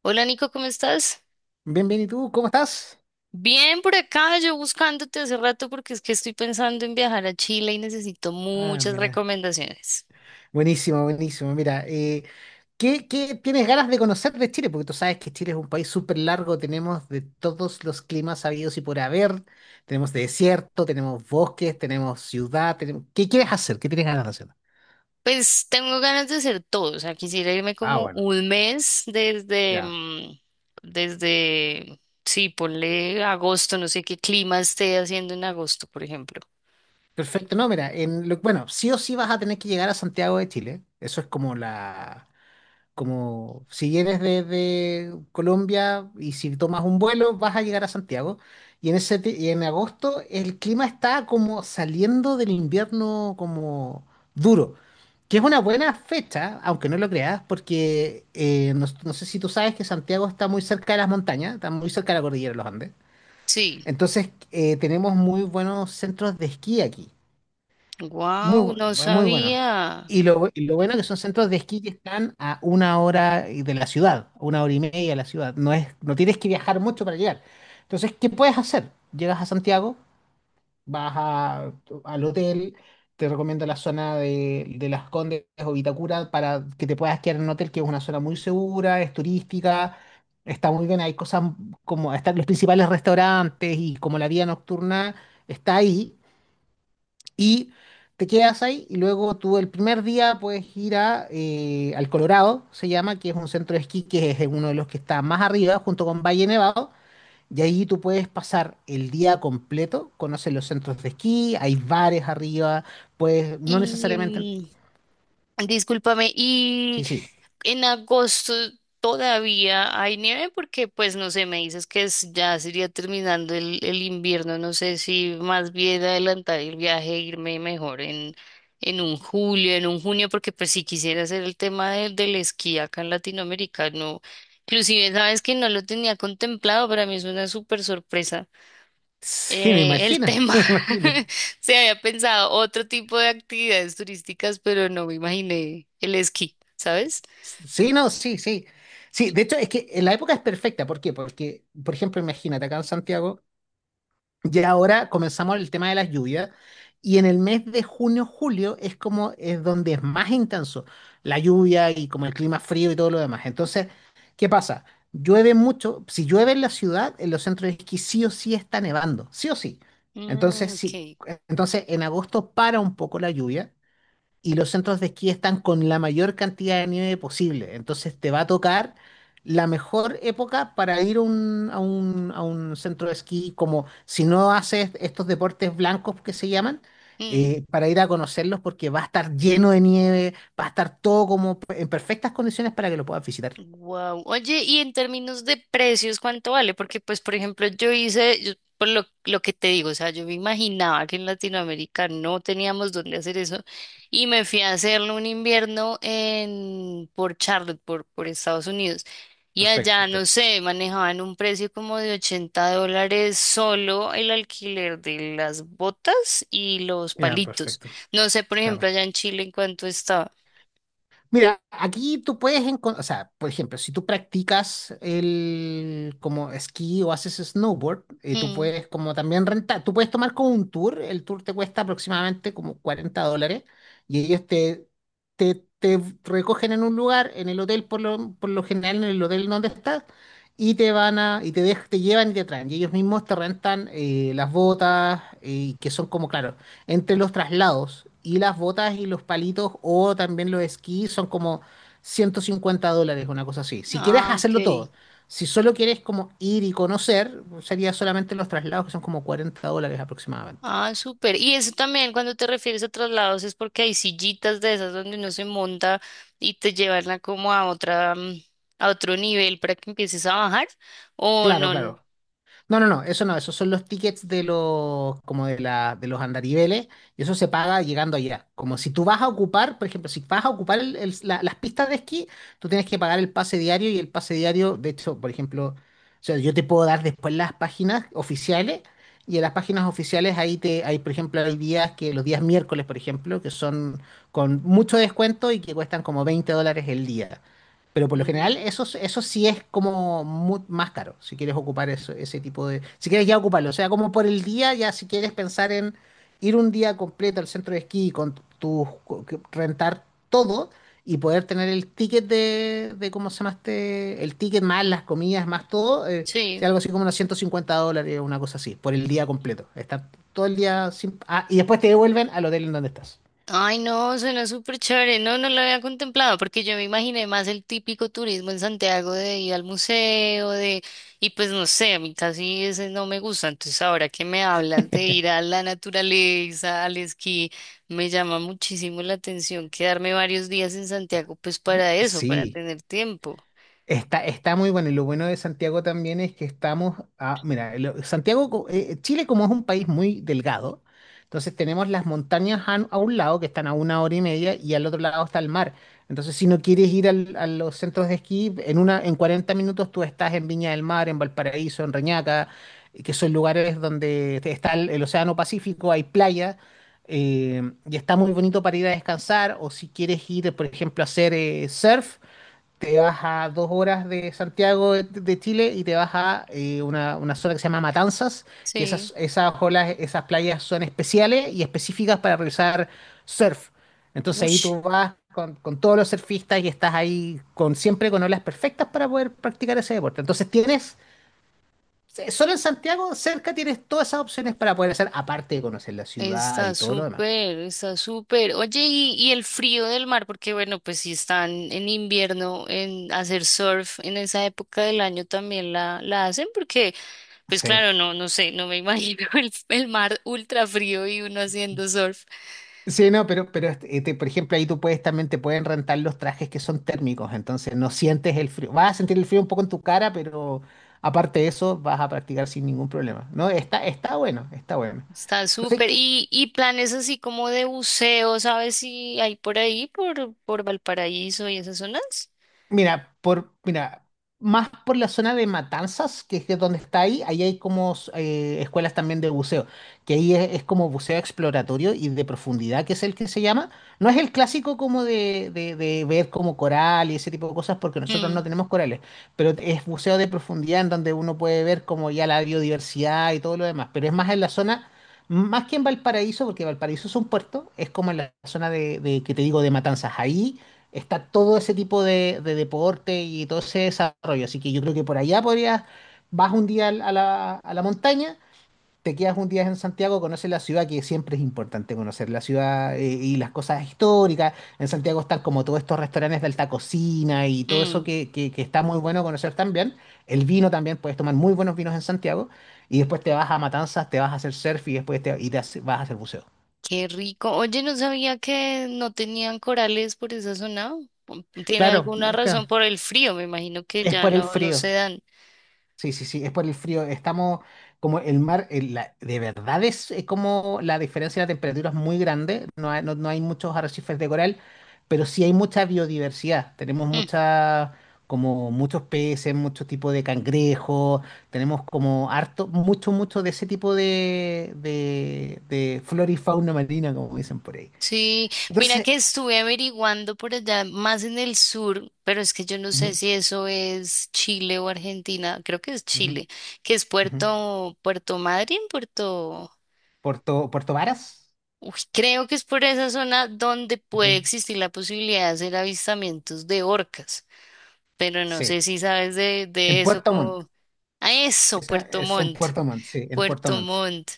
Hola Nico, ¿cómo estás? Bien, bien, ¿y tú? ¿Cómo estás? Bien por acá, yo buscándote hace rato porque es que estoy pensando en viajar a Chile y necesito Ah, muchas mira. recomendaciones. Buenísimo, buenísimo. Mira, ¿qué tienes ganas de conocer de Chile? Porque tú sabes que Chile es un país súper largo, tenemos de todos los climas habidos y por haber, tenemos desierto, tenemos bosques, tenemos ciudad, tenemos. ¿Qué quieres hacer? ¿Qué tienes ganas de hacer? Pues tengo ganas de hacer todo, o sea, quisiera irme Ah, como bueno, un mes desde, ya. Desde, sí, ponle agosto, no sé qué clima esté haciendo en agosto, por ejemplo. Perfecto, no, mira, bueno, sí o sí vas a tener que llegar a Santiago de Chile, eso es como si eres desde Colombia y si tomas un vuelo vas a llegar a Santiago. Y en agosto el clima está como saliendo del invierno como duro, que es una buena fecha, aunque no lo creas, porque no, no sé si tú sabes que Santiago está muy cerca de las montañas, está muy cerca de la cordillera de los Andes. Sí, Entonces tenemos muy buenos centros de esquí aquí. Muy wow, bueno, no muy bueno. sabía. Y lo bueno que son centros de esquí que están a una hora y de la ciudad, a una hora y media de la ciudad. No es, no tienes que viajar mucho para llegar. Entonces, ¿qué puedes hacer? Llegas a Santiago, vas a- al hotel, te recomiendo la zona de Las Condes o Vitacura para que te puedas quedar en un hotel que es una zona muy segura, es turística, está muy bien, hay cosas como están los principales restaurantes y como la vida nocturna está ahí y te quedas ahí y luego tú el primer día puedes ir al Colorado, se llama, que es un centro de esquí que es uno de los que está más arriba junto con Valle Nevado. Y ahí tú puedes pasar el día completo, conoces los centros de esquí, hay bares arriba, pues no Y necesariamente. Discúlpame, ¿y Sí, sí. en agosto todavía hay nieve? Porque, pues, no sé, me dices que ya sería terminando el invierno. No sé si más bien adelantar el viaje, e irme mejor en un julio, en un junio, porque pues si quisiera hacer el tema del esquí acá en Latinoamérica, no. Inclusive, sabes que no lo tenía contemplado, para mí es una súper sorpresa. Sí, me El imagino, tema, me imagino. se había pensado otro tipo de actividades turísticas, pero no me imaginé el esquí, ¿sabes? Sí, no, sí, sí. Sí, de hecho es que en la época es perfecta. ¿Por qué? Porque, por ejemplo, imagínate acá en Santiago. Y ahora comenzamos el tema de las lluvias. Y en el mes de junio, julio es como es donde es más intenso la lluvia y como el clima frío y todo lo demás. Entonces, ¿qué pasa? Llueve mucho. Si llueve en la ciudad, en los centros de esquí sí o sí está nevando, sí o sí. Mm, Entonces, ok. sí, entonces en agosto para un poco la lluvia y los centros de esquí están con la mayor cantidad de nieve posible. Entonces te va a tocar la mejor época para ir a un centro de esquí, como si no haces estos deportes blancos que se llaman, para ir a conocerlos porque va a estar lleno de nieve, va a estar todo como en perfectas condiciones para que lo puedas visitar. Wow. Oye, y en términos de precios, ¿cuánto vale? Porque, pues, por ejemplo, por lo que te digo, o sea, yo me imaginaba que en Latinoamérica no teníamos dónde hacer eso y me fui a hacerlo un invierno en, por Charlotte, por Estados Unidos. Y allá, Perfecto. no sé, manejaban un precio como de $80 solo el alquiler de las botas y los Ya, palitos. perfecto. No sé, por ejemplo, Claro. allá en Chile, ¿en cuánto estaba? Mira, aquí tú puedes encontrar, o sea, por ejemplo, si tú practicas el como esquí o haces snowboard, tú Mm. puedes como también rentar, tú puedes tomar como un tour, el tour te cuesta aproximadamente como $40 y ellos te recogen en un lugar, en el hotel por lo general, en el hotel donde estás, te llevan y te traen, y ellos mismos te rentan las botas, que son como, claro, entre los traslados y las botas y los palitos o también los esquís son como $150, una cosa así. Si quieres Ah, ok. hacerlo todo, si solo quieres como ir y conocer, sería solamente los traslados que son como $40 aproximadamente. Ah, súper. Y eso también cuando te refieres a traslados es porque hay sillitas de esas donde uno se monta y te llevan a como a otra, a otro nivel para que empieces a bajar. O Claro, no. claro. No, no, no, eso no, esos son los tickets de los, como de la, de los andariveles, y eso se paga llegando allá. Como si tú vas a ocupar, por ejemplo, si vas a ocupar las pistas de esquí, tú tienes que pagar el pase diario y el pase diario, de hecho, por ejemplo, o sea, yo te puedo dar después las páginas oficiales, y en las páginas oficiales ahí hay, por ejemplo, los días miércoles, por ejemplo, que son con mucho descuento y que cuestan como $20 el día. Pero por lo general, Mm, eso sí es como más caro, si quieres ocupar eso, ese tipo de. Si quieres ya ocuparlo, o sea, como por el día, ya si quieres pensar en ir un día completo al centro de esquí con tu, co- que- rentar todo y poder tener el ticket de ¿cómo se llama este? El ticket más las comidas, más todo, sea sí. algo así como unos $150, una cosa así, por el día completo. Estar todo el día sin. Ah, y después te devuelven al hotel en donde estás. Ay, no, suena súper chévere. No, no lo había contemplado porque yo me imaginé más el típico turismo en Santiago de ir al museo, de... Y pues no sé, a mí casi ese no me gusta. Entonces ahora que me hablas de ir a la naturaleza, al esquí, me llama muchísimo la atención quedarme varios días en Santiago, pues para eso, para Sí. tener tiempo. Está muy bueno y lo bueno de Santiago también es que estamos a, mira, Santiago, Chile como es un país muy delgado, entonces tenemos las montañas a un lado que están a una hora y media y al otro lado está el mar. Entonces si no quieres ir a los centros de esquí, en 40 minutos tú estás en Viña del Mar, en Valparaíso, en Reñaca, que son lugares donde está el Océano Pacífico, hay playa. Y está muy bonito para ir a descansar o si quieres ir, por ejemplo, a hacer surf, te vas a 2 horas de Santiago de Chile y te vas a una zona que se llama Matanzas, que Sí, esas olas, esas playas son especiales y específicas para realizar surf. Entonces ahí uff. tú vas con todos los surfistas y estás ahí siempre con olas perfectas para poder practicar ese deporte. Entonces solo en Santiago, cerca tienes todas esas opciones para poder hacer, aparte de conocer la ciudad Está y todo lo demás. súper, está súper. Oye, y el frío del mar, porque bueno, pues si están en invierno, en hacer surf en esa época del año también la hacen, porque pues Sí. claro, no, no sé, no me imagino el mar ultra frío y uno haciendo surf. Sí, no, pero este, este, por ejemplo, ahí tú puedes también te pueden rentar los trajes que son térmicos, entonces no sientes el frío. Vas a sentir el frío un poco en tu cara, pero aparte de eso, vas a practicar sin ningún problema. No, está bueno, está bueno. Está Entonces, súper. Y planes así como de buceo, ¿sabes si hay por ahí, por Valparaíso y esas zonas? mira, más por la zona de Matanzas, que es de donde está ahí, ahí hay como escuelas también de buceo, que ahí es como buceo exploratorio y de profundidad, que es el que se llama. No es el clásico como de ver como coral y ese tipo de cosas, porque nosotros no Mm, tenemos corales, pero es buceo de profundidad en donde uno puede ver como ya la biodiversidad y todo lo demás, pero es más en la zona, más que en Valparaíso, porque Valparaíso es un puerto, es como en la zona de que te digo, de Matanzas, ahí está todo ese tipo de deporte y todo ese desarrollo. Así que yo creo que por allá podrías, vas un día a la montaña, te quedas un día en Santiago, conoces la ciudad, que siempre es importante conocer la ciudad, y las cosas históricas. En Santiago están como todos estos restaurantes de alta cocina y todo eso mm. que está muy bueno conocer también. El vino también, puedes tomar muy buenos vinos en Santiago. Y después te vas a Matanzas, te vas a hacer surf y después te, y te hace- vas a hacer buceo. Qué rico. Oye, no sabía que no tenían corales por esa zona. Pum, tiene Claro, alguna no, razón claro. por el frío, me imagino que Es ya por el no frío. se dan. Sí, sí, sí, es por el frío. Estamos como el mar, de verdad es como la diferencia de temperatura es muy grande. No hay, no, no hay muchos arrecifes de coral, pero sí hay mucha biodiversidad. Tenemos Mm, como muchos peces, muchos tipos de cangrejos. Tenemos como harto, mucho de ese tipo de flora y fauna marina, como dicen por ahí. sí, mira Entonces, que estuve averiguando por allá, más en el sur, pero es que yo no sé ujú, si eso es Chile o Argentina, creo que es ujú, Chile, que es ujú. Puerto, Puerto Madryn, Puerto... Puerto Varas, Uy, creo que es por esa zona donde sí, puede sí, existir la posibilidad de hacer avistamientos de orcas, pero no sé sí. si sabes de En eso. Puerto Montt. A eso, Esa Puerto es en Montt, Puerto Montt, sí, en Puerto Puerto Montt. Montt.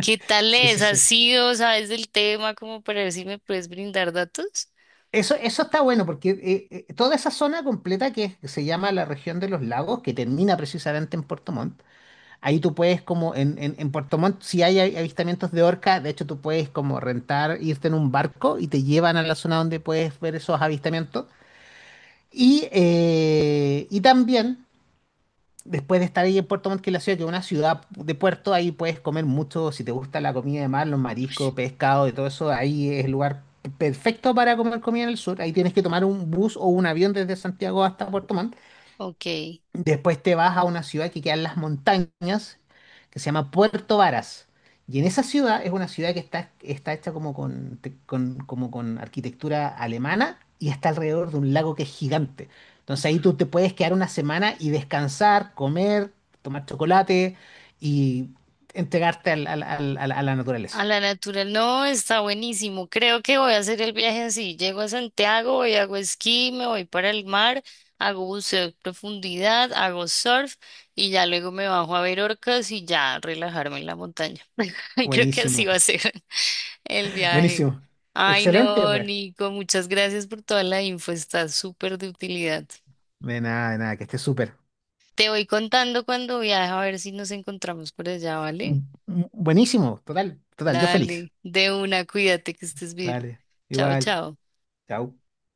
¿Qué tal Sí, sí, es? ¿Has sí. sido, sabes del tema como para ver si me puedes brindar datos? Eso está bueno porque toda esa zona completa que se llama la región de los lagos, que termina precisamente en Puerto Montt, ahí tú puedes como en Puerto Montt, si hay avistamientos de orca, de hecho tú puedes como rentar, irte en un barco y te llevan a la zona donde puedes ver esos avistamientos. Y también después de estar ahí en Puerto Montt, que es la ciudad, que es una ciudad de puerto, ahí puedes comer mucho, si te gusta la comida de mar, los Ush. mariscos, pescado y todo eso, ahí es el lugar perfecto para comer comida en el sur. Ahí tienes que tomar un bus o un avión desde Santiago hasta Puerto Montt. Ok. Después te vas a una ciudad que queda en las montañas, que se llama Puerto Varas. Y en esa ciudad es una ciudad que está hecha como con, te- con- como con arquitectura alemana y está alrededor de un lago que es gigante. Entonces ahí tú te puedes quedar una semana y descansar, comer, tomar chocolate y entregarte a la naturaleza. A la natural, no, está buenísimo. Creo que voy a hacer el viaje así. Llego a Santiago, voy, hago esquí, me voy para el mar, hago buceo de profundidad, hago surf y ya luego me bajo a ver orcas y ya relajarme en la montaña. Y creo que así Buenísimo, va a ser el viaje. buenísimo. Ay, Excelente, no, pues. Nico, muchas gracias por toda la info, está súper de utilidad. De nada, que esté súper. Te voy contando cuando viaje a ver si nos encontramos por allá, ¿vale? Buenísimo, total, total, yo feliz. Dale, de una, cuídate que estés bien. Dale, Chao, igual. chao. Chau.